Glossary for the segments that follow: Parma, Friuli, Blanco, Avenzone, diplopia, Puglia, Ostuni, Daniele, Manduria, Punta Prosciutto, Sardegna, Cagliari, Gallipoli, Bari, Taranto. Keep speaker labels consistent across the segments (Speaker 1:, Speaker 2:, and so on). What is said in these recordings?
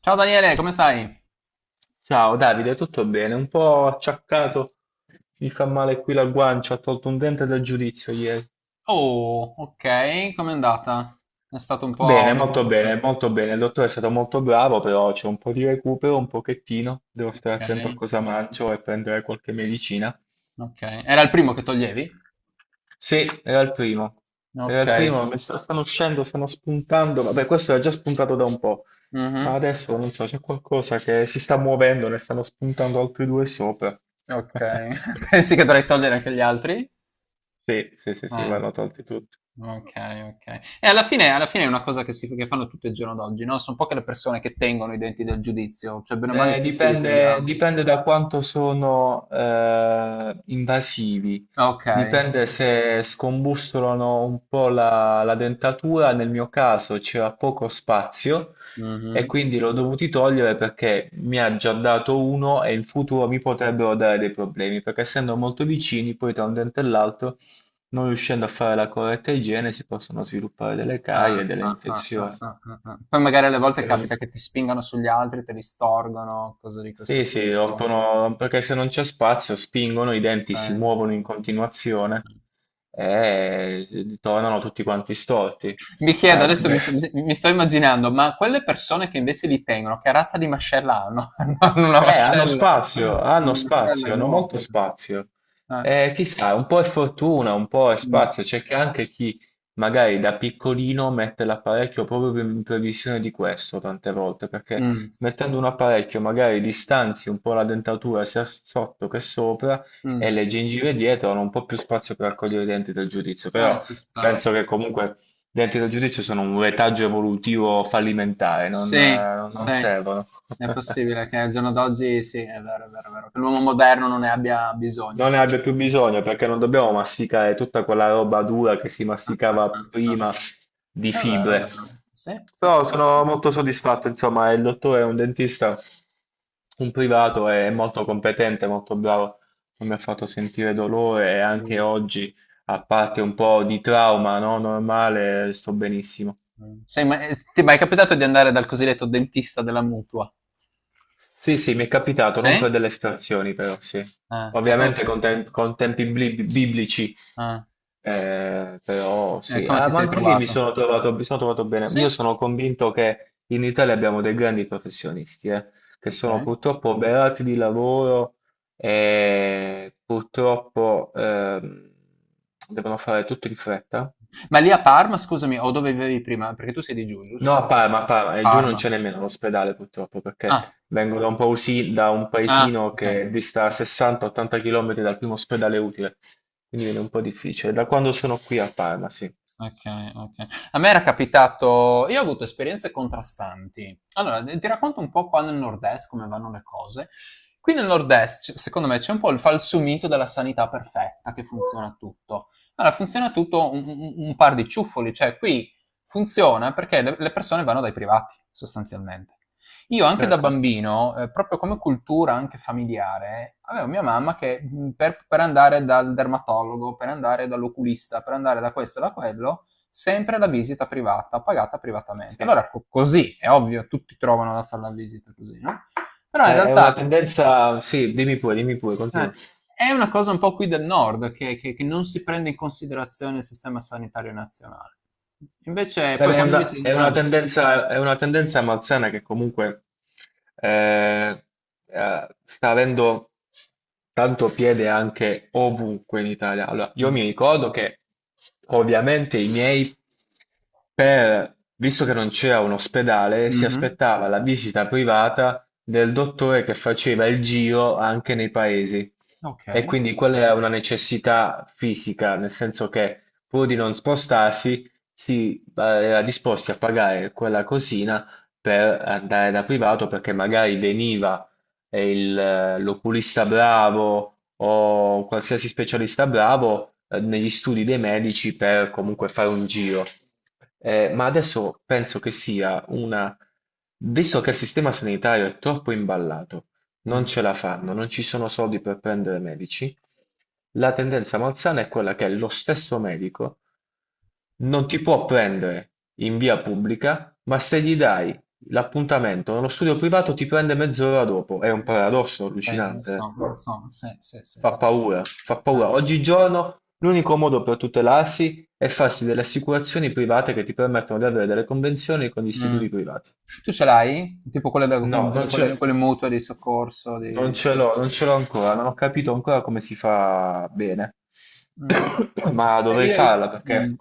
Speaker 1: Ciao Daniele, come stai?
Speaker 2: Ciao Davide, tutto bene? Un po' acciaccato, mi fa male qui la guancia, ho tolto un dente dal giudizio ieri.
Speaker 1: Oh, ok, com'è andata? È stato un
Speaker 2: Bene,
Speaker 1: po'.
Speaker 2: molto
Speaker 1: eh,
Speaker 2: bene, molto bene. Il dottore è stato molto bravo, però c'è un po' di recupero, un pochettino. Devo stare attento a
Speaker 1: Ok,
Speaker 2: cosa mangio e prendere qualche medicina.
Speaker 1: ok. Era il primo che toglievi?
Speaker 2: Sì, era il primo. Era
Speaker 1: Ok.
Speaker 2: il primo, stanno uscendo, stanno spuntando. Vabbè, questo era già spuntato da un po', ma
Speaker 1: Mhm,
Speaker 2: adesso non so, c'è qualcosa che si sta muovendo, ne stanno spuntando altri due sopra.
Speaker 1: ok. Pensi che dovrei togliere anche gli altri?
Speaker 2: Sì, sì, sì, sì,
Speaker 1: Eh,
Speaker 2: vanno tolti tutti.
Speaker 1: ok, ok. E alla fine è una cosa che, si, che fanno tutti il giorno d'oggi, no? Sono poche le persone che tengono i denti del giudizio, cioè bene o male
Speaker 2: Beh,
Speaker 1: tutti li
Speaker 2: dipende,
Speaker 1: togliamo.
Speaker 2: dipende da quanto sono invasivi,
Speaker 1: Ok.
Speaker 2: dipende se scombussolano un po' la dentatura, nel mio caso c'era poco spazio e
Speaker 1: Mhm.
Speaker 2: quindi l'ho dovuti togliere perché mi ha già dato uno e in futuro mi potrebbero dare dei problemi, perché essendo molto vicini poi tra un dente e l'altro, non riuscendo a fare la corretta igiene, si possono sviluppare delle
Speaker 1: Ah,
Speaker 2: carie e delle
Speaker 1: ah, ah,
Speaker 2: infezioni.
Speaker 1: ah, ah, ah, ah. Ah. Poi magari alle volte
Speaker 2: Perché non-
Speaker 1: capita che ti spingano sugli altri, te li storgono, cose di
Speaker 2: Sì,
Speaker 1: questo
Speaker 2: sì,
Speaker 1: tipo.
Speaker 2: rompono, perché se non c'è spazio spingono, i
Speaker 1: Sì,
Speaker 2: denti si muovono in continuazione
Speaker 1: sì.
Speaker 2: e tornano tutti quanti storti.
Speaker 1: Mi chiedo, adesso
Speaker 2: Beh,
Speaker 1: mi sto immaginando, ma quelle persone che invece li tengono, che razza di mascella hanno? Hanno una
Speaker 2: eh, hanno
Speaker 1: mascella,
Speaker 2: spazio, hanno
Speaker 1: hanno una mascella
Speaker 2: spazio, hanno molto
Speaker 1: enorme.
Speaker 2: spazio.
Speaker 1: Eh,
Speaker 2: Chissà, un po' è fortuna, un po' è
Speaker 1: mm,
Speaker 2: spazio. C'è che anche chi magari da piccolino mette l'apparecchio proprio in previsione di questo tante volte, perché
Speaker 1: mm,
Speaker 2: mettendo un apparecchio magari distanzi un po' la dentatura sia sotto che sopra e
Speaker 1: mm.
Speaker 2: le gengive dietro hanno un po' più spazio per raccogliere i denti del giudizio. Però
Speaker 1: Ci sta.
Speaker 2: penso che comunque i denti del giudizio sono un retaggio evolutivo fallimentare, non
Speaker 1: Sì,
Speaker 2: eh, non
Speaker 1: sì.
Speaker 2: servono.
Speaker 1: È possibile che al giorno d'oggi, sì, è vero, è vero, è vero, che l'uomo moderno non ne abbia bisogno.
Speaker 2: Non ne
Speaker 1: Cioè,
Speaker 2: abbia
Speaker 1: sì.
Speaker 2: più bisogno perché non dobbiamo masticare tutta quella roba dura che si
Speaker 1: Ah, ah,
Speaker 2: masticava
Speaker 1: ah, ah.
Speaker 2: prima di
Speaker 1: È vero, è
Speaker 2: fibre.
Speaker 1: vero. Sì, sì,
Speaker 2: Però
Speaker 1: sì,
Speaker 2: sono
Speaker 1: sì, sì,
Speaker 2: molto
Speaker 1: sì.
Speaker 2: soddisfatto, insomma, il dottore è un dentista, un privato, è molto competente, molto bravo, non mi ha fatto sentire dolore e anche
Speaker 1: Mh,
Speaker 2: oggi, a parte un po' di trauma, no, normale, sto benissimo.
Speaker 1: Sei mai ti è mai capitato di andare dal cosiddetto dentista della mutua?
Speaker 2: Sì, sì, mi è capitato,
Speaker 1: Sì?
Speaker 2: non per delle estrazioni però, sì.
Speaker 1: Ah, e come
Speaker 2: Ovviamente con tempi biblici,
Speaker 1: ah,
Speaker 2: però
Speaker 1: e
Speaker 2: sì.
Speaker 1: come ti
Speaker 2: Ah, ma
Speaker 1: sei
Speaker 2: anche lì mi
Speaker 1: trovato?
Speaker 2: sono trovato, mi sono trovato bene. Io
Speaker 1: Sì?
Speaker 2: sono convinto che in Italia abbiamo dei grandi professionisti, che sono
Speaker 1: Okay.
Speaker 2: purtroppo oberati di lavoro e purtroppo devono fare tutto in fretta.
Speaker 1: Ma lì a Parma scusami, o dove vivevi prima? Perché tu sei di giù,
Speaker 2: No,
Speaker 1: giusto?
Speaker 2: A Parma, e giù non
Speaker 1: Parma.
Speaker 2: c'è nemmeno l'ospedale purtroppo, perché
Speaker 1: Ah,
Speaker 2: vengo da un
Speaker 1: ah,
Speaker 2: paesino
Speaker 1: okay.
Speaker 2: che dista 60-80 km dal primo ospedale utile, quindi viene un po' difficile. Da quando sono qui a Parma, sì,
Speaker 1: Okay, okay. A me era capitato, io ho avuto esperienze contrastanti. Allora, d ti racconto un po' qua nel nord-est come vanno le cose. Qui nel nord-est, c secondo me c'è un po' il falso mito della sanità perfetta, che funziona tutto. Allora funziona tutto un par di ciuffoli, cioè qui funziona perché le persone vanno dai privati, sostanzialmente. Io anche da
Speaker 2: certo,
Speaker 1: bambino, proprio come cultura anche familiare, avevo mia mamma che per andare dal dermatologo, per andare dall'oculista, per andare da questo e da quello, sempre la visita privata, pagata privatamente.
Speaker 2: sì. È,
Speaker 1: Allora, così, è ovvio, tutti trovano da fare la visita così, no? Però in
Speaker 2: è una
Speaker 1: realtà
Speaker 2: tendenza, sì, dimmi pure,
Speaker 1: eh,
Speaker 2: continua.
Speaker 1: è una cosa un po' qui del nord, che non si prende in considerazione il sistema sanitario nazionale. Invece,
Speaker 2: Beh,
Speaker 1: poi
Speaker 2: beh, È
Speaker 1: quando invece.
Speaker 2: una, è una
Speaker 1: eh,
Speaker 2: tendenza, è una tendenza malsana che comunque eh, sta avendo tanto piede anche ovunque in Italia. Allora, io
Speaker 1: mm,
Speaker 2: mi ricordo che ovviamente i miei, visto che non c'era un ospedale, si
Speaker 1: mhm,
Speaker 2: aspettava la visita privata del dottore che faceva il giro anche nei paesi. E
Speaker 1: ok.
Speaker 2: quindi quella era una necessità fisica, nel senso che pur di non spostarsi, sì, ma era disposti a pagare quella cosina per andare da privato perché magari veniva l'oculista bravo o qualsiasi specialista bravo negli studi dei medici per comunque fare un giro. Ma adesso penso che sia una. Visto che il sistema sanitario è troppo imballato, non
Speaker 1: Mm.
Speaker 2: ce la fanno, non ci sono soldi per prendere medici, la tendenza malsana è quella che lo stesso medico non ti può prendere in via pubblica, ma se gli dai l'appuntamento nello studio privato ti prende mezz'ora dopo. È un
Speaker 1: Lo stesso.
Speaker 2: paradosso allucinante,
Speaker 1: Lo so, sì, sì, sì,
Speaker 2: fa
Speaker 1: sì, sì.
Speaker 2: paura, fa paura. Oggigiorno l'unico modo per tutelarsi è farsi delle assicurazioni private che ti permettono di avere delle convenzioni con gli istituti
Speaker 1: Mm.
Speaker 2: privati.
Speaker 1: Tu ce l'hai? Tipo quelle, da-
Speaker 2: No, non
Speaker 1: con-
Speaker 2: c'è.
Speaker 1: quelle, quelle mutue di soccorso?
Speaker 2: Non
Speaker 1: Di-
Speaker 2: ce
Speaker 1: di-.
Speaker 2: l'ho, non ce l'ho ancora, non ho capito ancora come si fa bene,
Speaker 1: Mm.
Speaker 2: ma dovrei
Speaker 1: Io-.
Speaker 2: farla perché.
Speaker 1: Mm.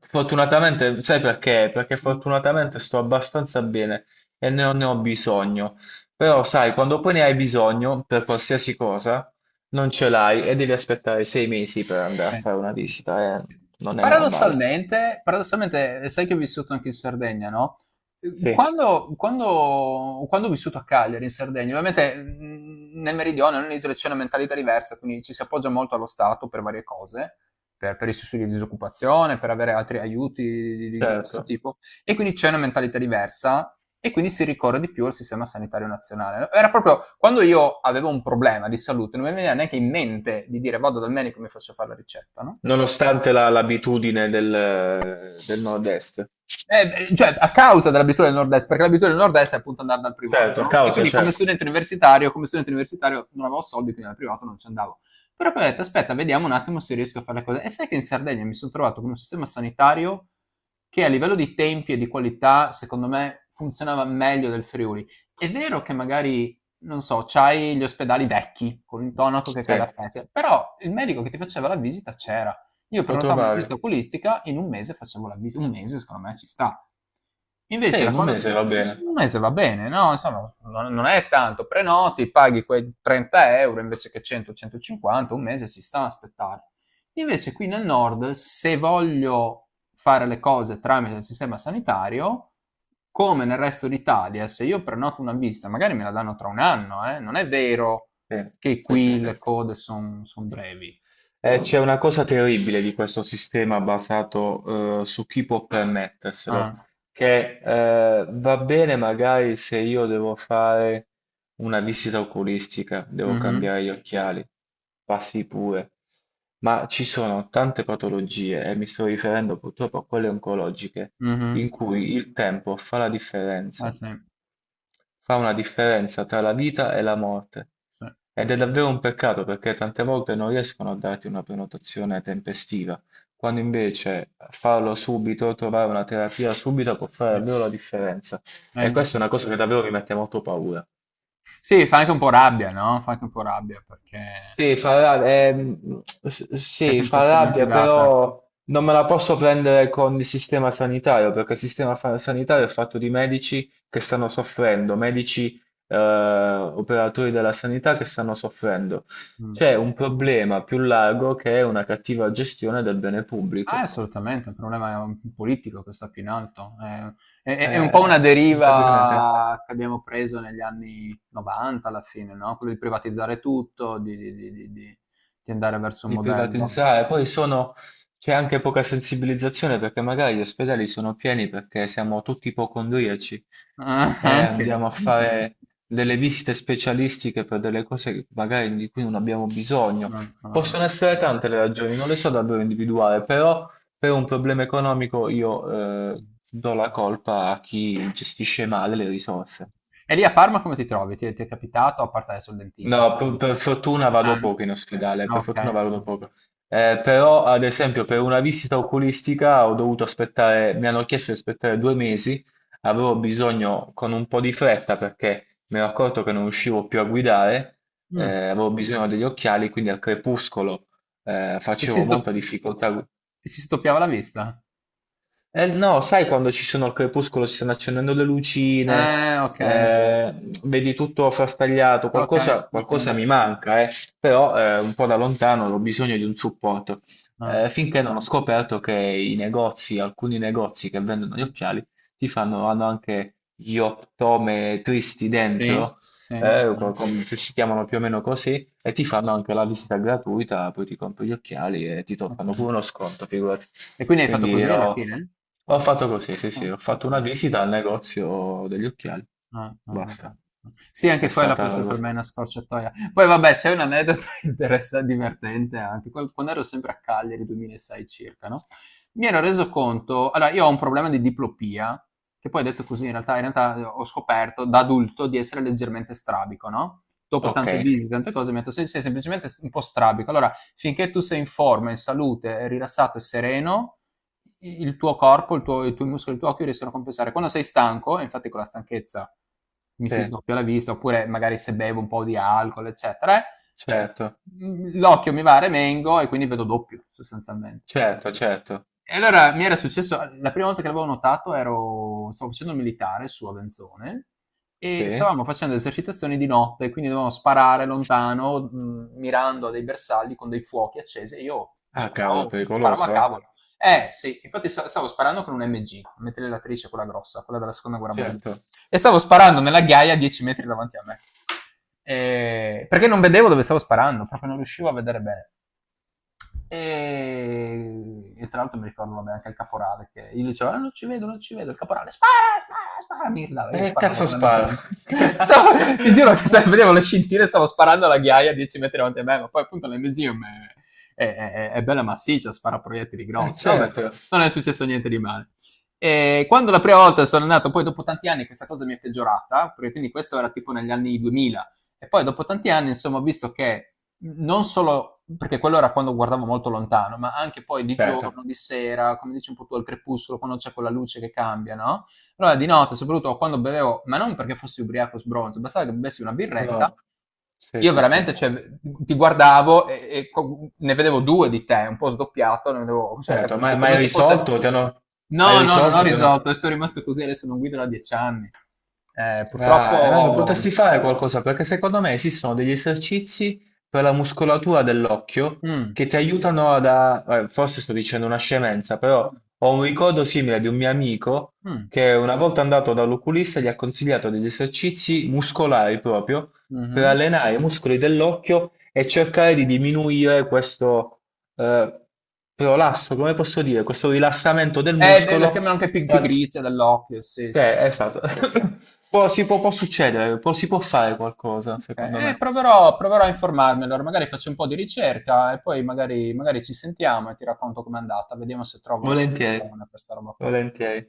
Speaker 2: Fortunatamente, sai perché? Perché
Speaker 1: Mm.
Speaker 2: fortunatamente sto abbastanza bene e ne ho bisogno. Però, sai, quando poi ne hai bisogno per qualsiasi cosa, non ce l'hai e devi aspettare 6 mesi per andare a
Speaker 1: Eh.
Speaker 2: fare una visita,
Speaker 1: Sì.
Speaker 2: non è normale.
Speaker 1: Paradossalmente, paradossalmente, sai che ho vissuto anche in Sardegna, no?
Speaker 2: Sì,
Speaker 1: Quando ho vissuto a Cagliari, in Sardegna, ovviamente nel meridione, nell'isola c'è una mentalità diversa, quindi ci si appoggia molto allo Stato per varie cose, per i sussidi di disoccupazione, per avere altri aiuti di questo
Speaker 2: certo.
Speaker 1: tipo. E quindi c'è una mentalità diversa e quindi si ricorre di più al sistema sanitario nazionale. Era proprio quando io avevo un problema di salute, non mi veniva neanche in mente di dire vado dal medico e mi faccio fare la ricetta, no?
Speaker 2: Nonostante l'abitudine del nord-est.
Speaker 1: Cioè, a causa dell'abitudine del nord-est, perché l'abitudine del nord-est è appunto andare dal privato,
Speaker 2: Certo, a
Speaker 1: no? E
Speaker 2: causa,
Speaker 1: quindi
Speaker 2: certo.
Speaker 1: come studente universitario non avevo soldi, quindi dal privato non ci andavo. Però poi ho detto, aspetta, vediamo un attimo se riesco a fare le cose. E sai che in Sardegna mi sono trovato con un sistema sanitario che a livello di tempi e di qualità, secondo me, funzionava meglio del Friuli. È vero che magari, non so, c'hai gli ospedali vecchi, con l'intonaco che
Speaker 2: Sì,
Speaker 1: cade a pezzi, però il medico che ti faceva la visita c'era. Io
Speaker 2: lo
Speaker 1: prenotavo una
Speaker 2: trovavi.
Speaker 1: visita oculistica, in un mese facevo la visita, un mese secondo me ci sta.
Speaker 2: Sì,
Speaker 1: Invece da
Speaker 2: in un
Speaker 1: quando.
Speaker 2: mese va
Speaker 1: Un
Speaker 2: bene.
Speaker 1: mese va bene, no? Insomma, non, non è tanto, prenoti, paghi quei 30 euro invece che 100-150, un mese ci sta a aspettare. Invece qui nel nord, se voglio fare le cose tramite il sistema sanitario, come nel resto d'Italia, se io prenoto una visita, magari me la danno tra un anno, eh? Non è vero
Speaker 2: Sì,
Speaker 1: che
Speaker 2: sì, sì,
Speaker 1: qui le
Speaker 2: sì.
Speaker 1: code sono brevi.
Speaker 2: C'è una cosa terribile di questo sistema basato, su chi può permetterselo,
Speaker 1: Ah,
Speaker 2: che, va bene magari se io devo fare una visita oculistica, devo
Speaker 1: mhm.
Speaker 2: cambiare gli occhiali, passi pure, ma ci sono tante patologie, e mi sto riferendo purtroppo a quelle oncologiche,
Speaker 1: Mh-mh.
Speaker 2: in cui il tempo fa la
Speaker 1: Eh
Speaker 2: differenza.
Speaker 1: sì,
Speaker 2: Fa una differenza tra la vita e la morte
Speaker 1: sì,
Speaker 2: ed è davvero un peccato perché tante volte non riescono a darti una prenotazione tempestiva, quando invece farlo subito, trovare una terapia subito può fare
Speaker 1: sì.
Speaker 2: davvero la differenza. E questa è
Speaker 1: Sì.
Speaker 2: una cosa che davvero mi mette molto paura.
Speaker 1: Sì, fa anche un po' rabbia, no, fa anche un po' rabbia, perché,
Speaker 2: Sì, fa rabbia,
Speaker 1: che
Speaker 2: sì, fa
Speaker 1: sensazione ti
Speaker 2: rabbia,
Speaker 1: dà a te?
Speaker 2: però non me la posso prendere con il sistema sanitario, perché il sistema sanitario è fatto di medici che stanno soffrendo, medici, operatori della sanità che stanno soffrendo.
Speaker 1: Mh.
Speaker 2: C'è un problema più largo che è una cattiva gestione del bene
Speaker 1: Ah,
Speaker 2: pubblico.
Speaker 1: assolutamente, è un problema un politico che sta più in alto. È un po'
Speaker 2: Eh,
Speaker 1: una
Speaker 2: inevitabilmente.
Speaker 1: deriva che abbiamo preso negli anni '90 alla fine, no, quello di privatizzare tutto, di andare verso un
Speaker 2: Di
Speaker 1: modello.
Speaker 2: privatizzare. Poi sono, c'è anche poca sensibilizzazione perché magari gli ospedali sono pieni perché siamo tutti ipocondriaci
Speaker 1: Ah,
Speaker 2: e
Speaker 1: anche.
Speaker 2: andiamo a fare delle visite specialistiche per delle cose che magari di cui non abbiamo bisogno.
Speaker 1: Mh, mh,
Speaker 2: Possono essere
Speaker 1: mh,
Speaker 2: tante le ragioni, non le so davvero individuare, però per un problema economico io
Speaker 1: mh.
Speaker 2: do la colpa a chi gestisce male le risorse.
Speaker 1: E lì a Parma come ti trovi? Ti è capitato, a parte adesso il dentista?
Speaker 2: No, per fortuna
Speaker 1: Ah,
Speaker 2: vado poco in ospedale,
Speaker 1: ah,
Speaker 2: per
Speaker 1: ok.
Speaker 2: fortuna vado poco. Però, ad esempio, per una visita oculistica ho dovuto aspettare, mi hanno chiesto di aspettare 2 mesi, avevo bisogno con un po' di fretta perché mi ero accorto che non riuscivo più a guidare, eh,
Speaker 1: Mm.
Speaker 2: avevo bisogno degli occhiali, quindi al crepuscolo
Speaker 1: Ti si
Speaker 2: facevo
Speaker 1: sdo-
Speaker 2: molta difficoltà.
Speaker 1: ti si sdoppiava la vista?
Speaker 2: Eh no, sai quando ci sono al crepuscolo, ci stanno accendendo le lucine,
Speaker 1: Ok,
Speaker 2: eh, vedi tutto frastagliato,
Speaker 1: ok,
Speaker 2: qualcosa, qualcosa
Speaker 1: ok.
Speaker 2: mi manca, però un po' da lontano ho bisogno di un supporto.
Speaker 1: Ah,
Speaker 2: Finché non ho scoperto che i negozi, alcuni negozi che vendono gli
Speaker 1: ok.
Speaker 2: occhiali, hanno anche gli optometristi
Speaker 1: Sì,
Speaker 2: dentro,
Speaker 1: sì, ok,
Speaker 2: ci si chiamano più o meno così, e ti fanno anche la visita gratuita, poi ti compri gli occhiali e
Speaker 1: ok.
Speaker 2: fanno pure uno sconto, figurati.
Speaker 1: E quindi hai fatto
Speaker 2: Quindi
Speaker 1: così alla
Speaker 2: ho,
Speaker 1: fine?
Speaker 2: ho fatto così, sì,
Speaker 1: Ah,
Speaker 2: sì, ho fatto una
Speaker 1: ok.
Speaker 2: visita al negozio degli occhiali,
Speaker 1: Ah, ah, ah,
Speaker 2: basta.
Speaker 1: ah. Sì,
Speaker 2: È
Speaker 1: anche quella può
Speaker 2: stata la
Speaker 1: essere per
Speaker 2: cosa.
Speaker 1: me una scorciatoia. Poi vabbè, c'è un aneddoto divertente anche, quando ero sempre a Cagliari, 2006 circa, no? Mi ero reso conto, allora io ho un problema di diplopia, che poi detto così in realtà, ho scoperto da adulto di essere leggermente strabico, no? Dopo
Speaker 2: Ok,
Speaker 1: tante visite, tante cose, mi ha detto "Sei semplicemente un po' strabico. Allora, finché tu sei in forma, in salute, rilassato e sereno, il tuo corpo, il tuo, i tuoi muscoli, il tuo occhio riescono a compensare. Quando sei stanco, e infatti con la stanchezza mi si
Speaker 2: sì,
Speaker 1: sdoppia la vista, oppure magari se bevo un po' di alcol, eccetera,
Speaker 2: certo,
Speaker 1: l'occhio mi va a remengo e quindi vedo doppio, sostanzialmente.
Speaker 2: certo, certo,
Speaker 1: E allora mi era successo, la prima volta che l'avevo notato stavo facendo il militare su Avenzone e
Speaker 2: sì.
Speaker 1: stavamo facendo esercitazioni di notte, quindi dovevamo sparare lontano, mirando a dei bersagli con dei fuochi accesi e io
Speaker 2: Ah, cavolo,
Speaker 1: sparavo, sparavo a
Speaker 2: pericoloso, eh.
Speaker 1: cavolo. Eh sì, infatti stavo sparando con un MG, una mitragliatrice, quella grossa, quella della seconda guerra mondiale,
Speaker 2: Certo.
Speaker 1: e stavo sparando nella ghiaia a 10 metri davanti a me. Perché non vedevo dove stavo sparando, proprio non riuscivo a vedere bene. E tra l'altro mi ricordo vabbè, anche il caporale che io dicevo "Ah, non ci vedo, non ci vedo", il caporale "spara, spara, spara", mi gridava,
Speaker 2: E
Speaker 1: io
Speaker 2: che
Speaker 1: sparavo
Speaker 2: cazzo
Speaker 1: con la mentre
Speaker 2: sparo?
Speaker 1: stavo, ti giuro che stavo, vedevo le scintille, stavo sparando alla ghiaia a 10 metri davanti a me, ma poi appunto l'MGM è bella massiccia, spara proiettili grossi, vabbè,
Speaker 2: Certo,
Speaker 1: non è successo niente di male. E quando la prima volta sono andato, poi dopo tanti anni questa cosa mi è peggiorata, perché quindi questo era tipo negli anni 2000, e poi dopo tanti anni, insomma, ho visto che non solo perché quello era quando guardavo molto lontano, ma anche poi di
Speaker 2: certo.
Speaker 1: giorno, di sera, come dici un po' tu al crepuscolo, quando c'è quella luce che cambia, no? Allora di notte, soprattutto quando bevevo, ma non perché fossi ubriaco sbronzo, bastava che bevessi una birretta,
Speaker 2: No, sì,
Speaker 1: io
Speaker 2: sì, sì.
Speaker 1: veramente cioè, ti guardavo e ne vedevo due di te, un po' sdoppiato, ne vedevo, cioè,
Speaker 2: Certo, ma,
Speaker 1: capito?
Speaker 2: ma
Speaker 1: Come
Speaker 2: hai
Speaker 1: se fosse.
Speaker 2: risolto? Ti hanno. Hai
Speaker 1: No, no, non ho
Speaker 2: risolto? Ti hanno.
Speaker 1: risolto, e sono rimasto così, adesso non guido da 10 anni.
Speaker 2: Ah,
Speaker 1: Purtroppo.
Speaker 2: potresti fare qualcosa perché secondo me esistono degli esercizi per la muscolatura dell'occhio
Speaker 1: Mm.
Speaker 2: che ti aiutano forse sto dicendo una scemenza, però ho un ricordo simile di un mio amico
Speaker 1: Mh.
Speaker 2: che una volta andato dall'oculista gli ha consigliato degli esercizi muscolari proprio per
Speaker 1: Mh-mh.
Speaker 2: allenare i muscoli dell'occhio e cercare di diminuire questo eh, prolasso, come posso dire, questo rilassamento del
Speaker 1: Beh, la
Speaker 2: muscolo.
Speaker 1: chiamano anche pi pigrizia dell'occhio, sì,
Speaker 2: Sì,
Speaker 1: sì, sì, sì,
Speaker 2: esatto.
Speaker 1: sì.
Speaker 2: Perché? Si può, può succedere, si può fare qualcosa,
Speaker 1: Okay.
Speaker 2: secondo
Speaker 1: Eh, eh,
Speaker 2: me.
Speaker 1: proverò proverò a informarmi allora, magari faccio un po' di ricerca e poi magari ci sentiamo e ti racconto com'è andata, vediamo se trovo una
Speaker 2: Volentieri,
Speaker 1: soluzione per 'sta roba qua.
Speaker 2: volentieri.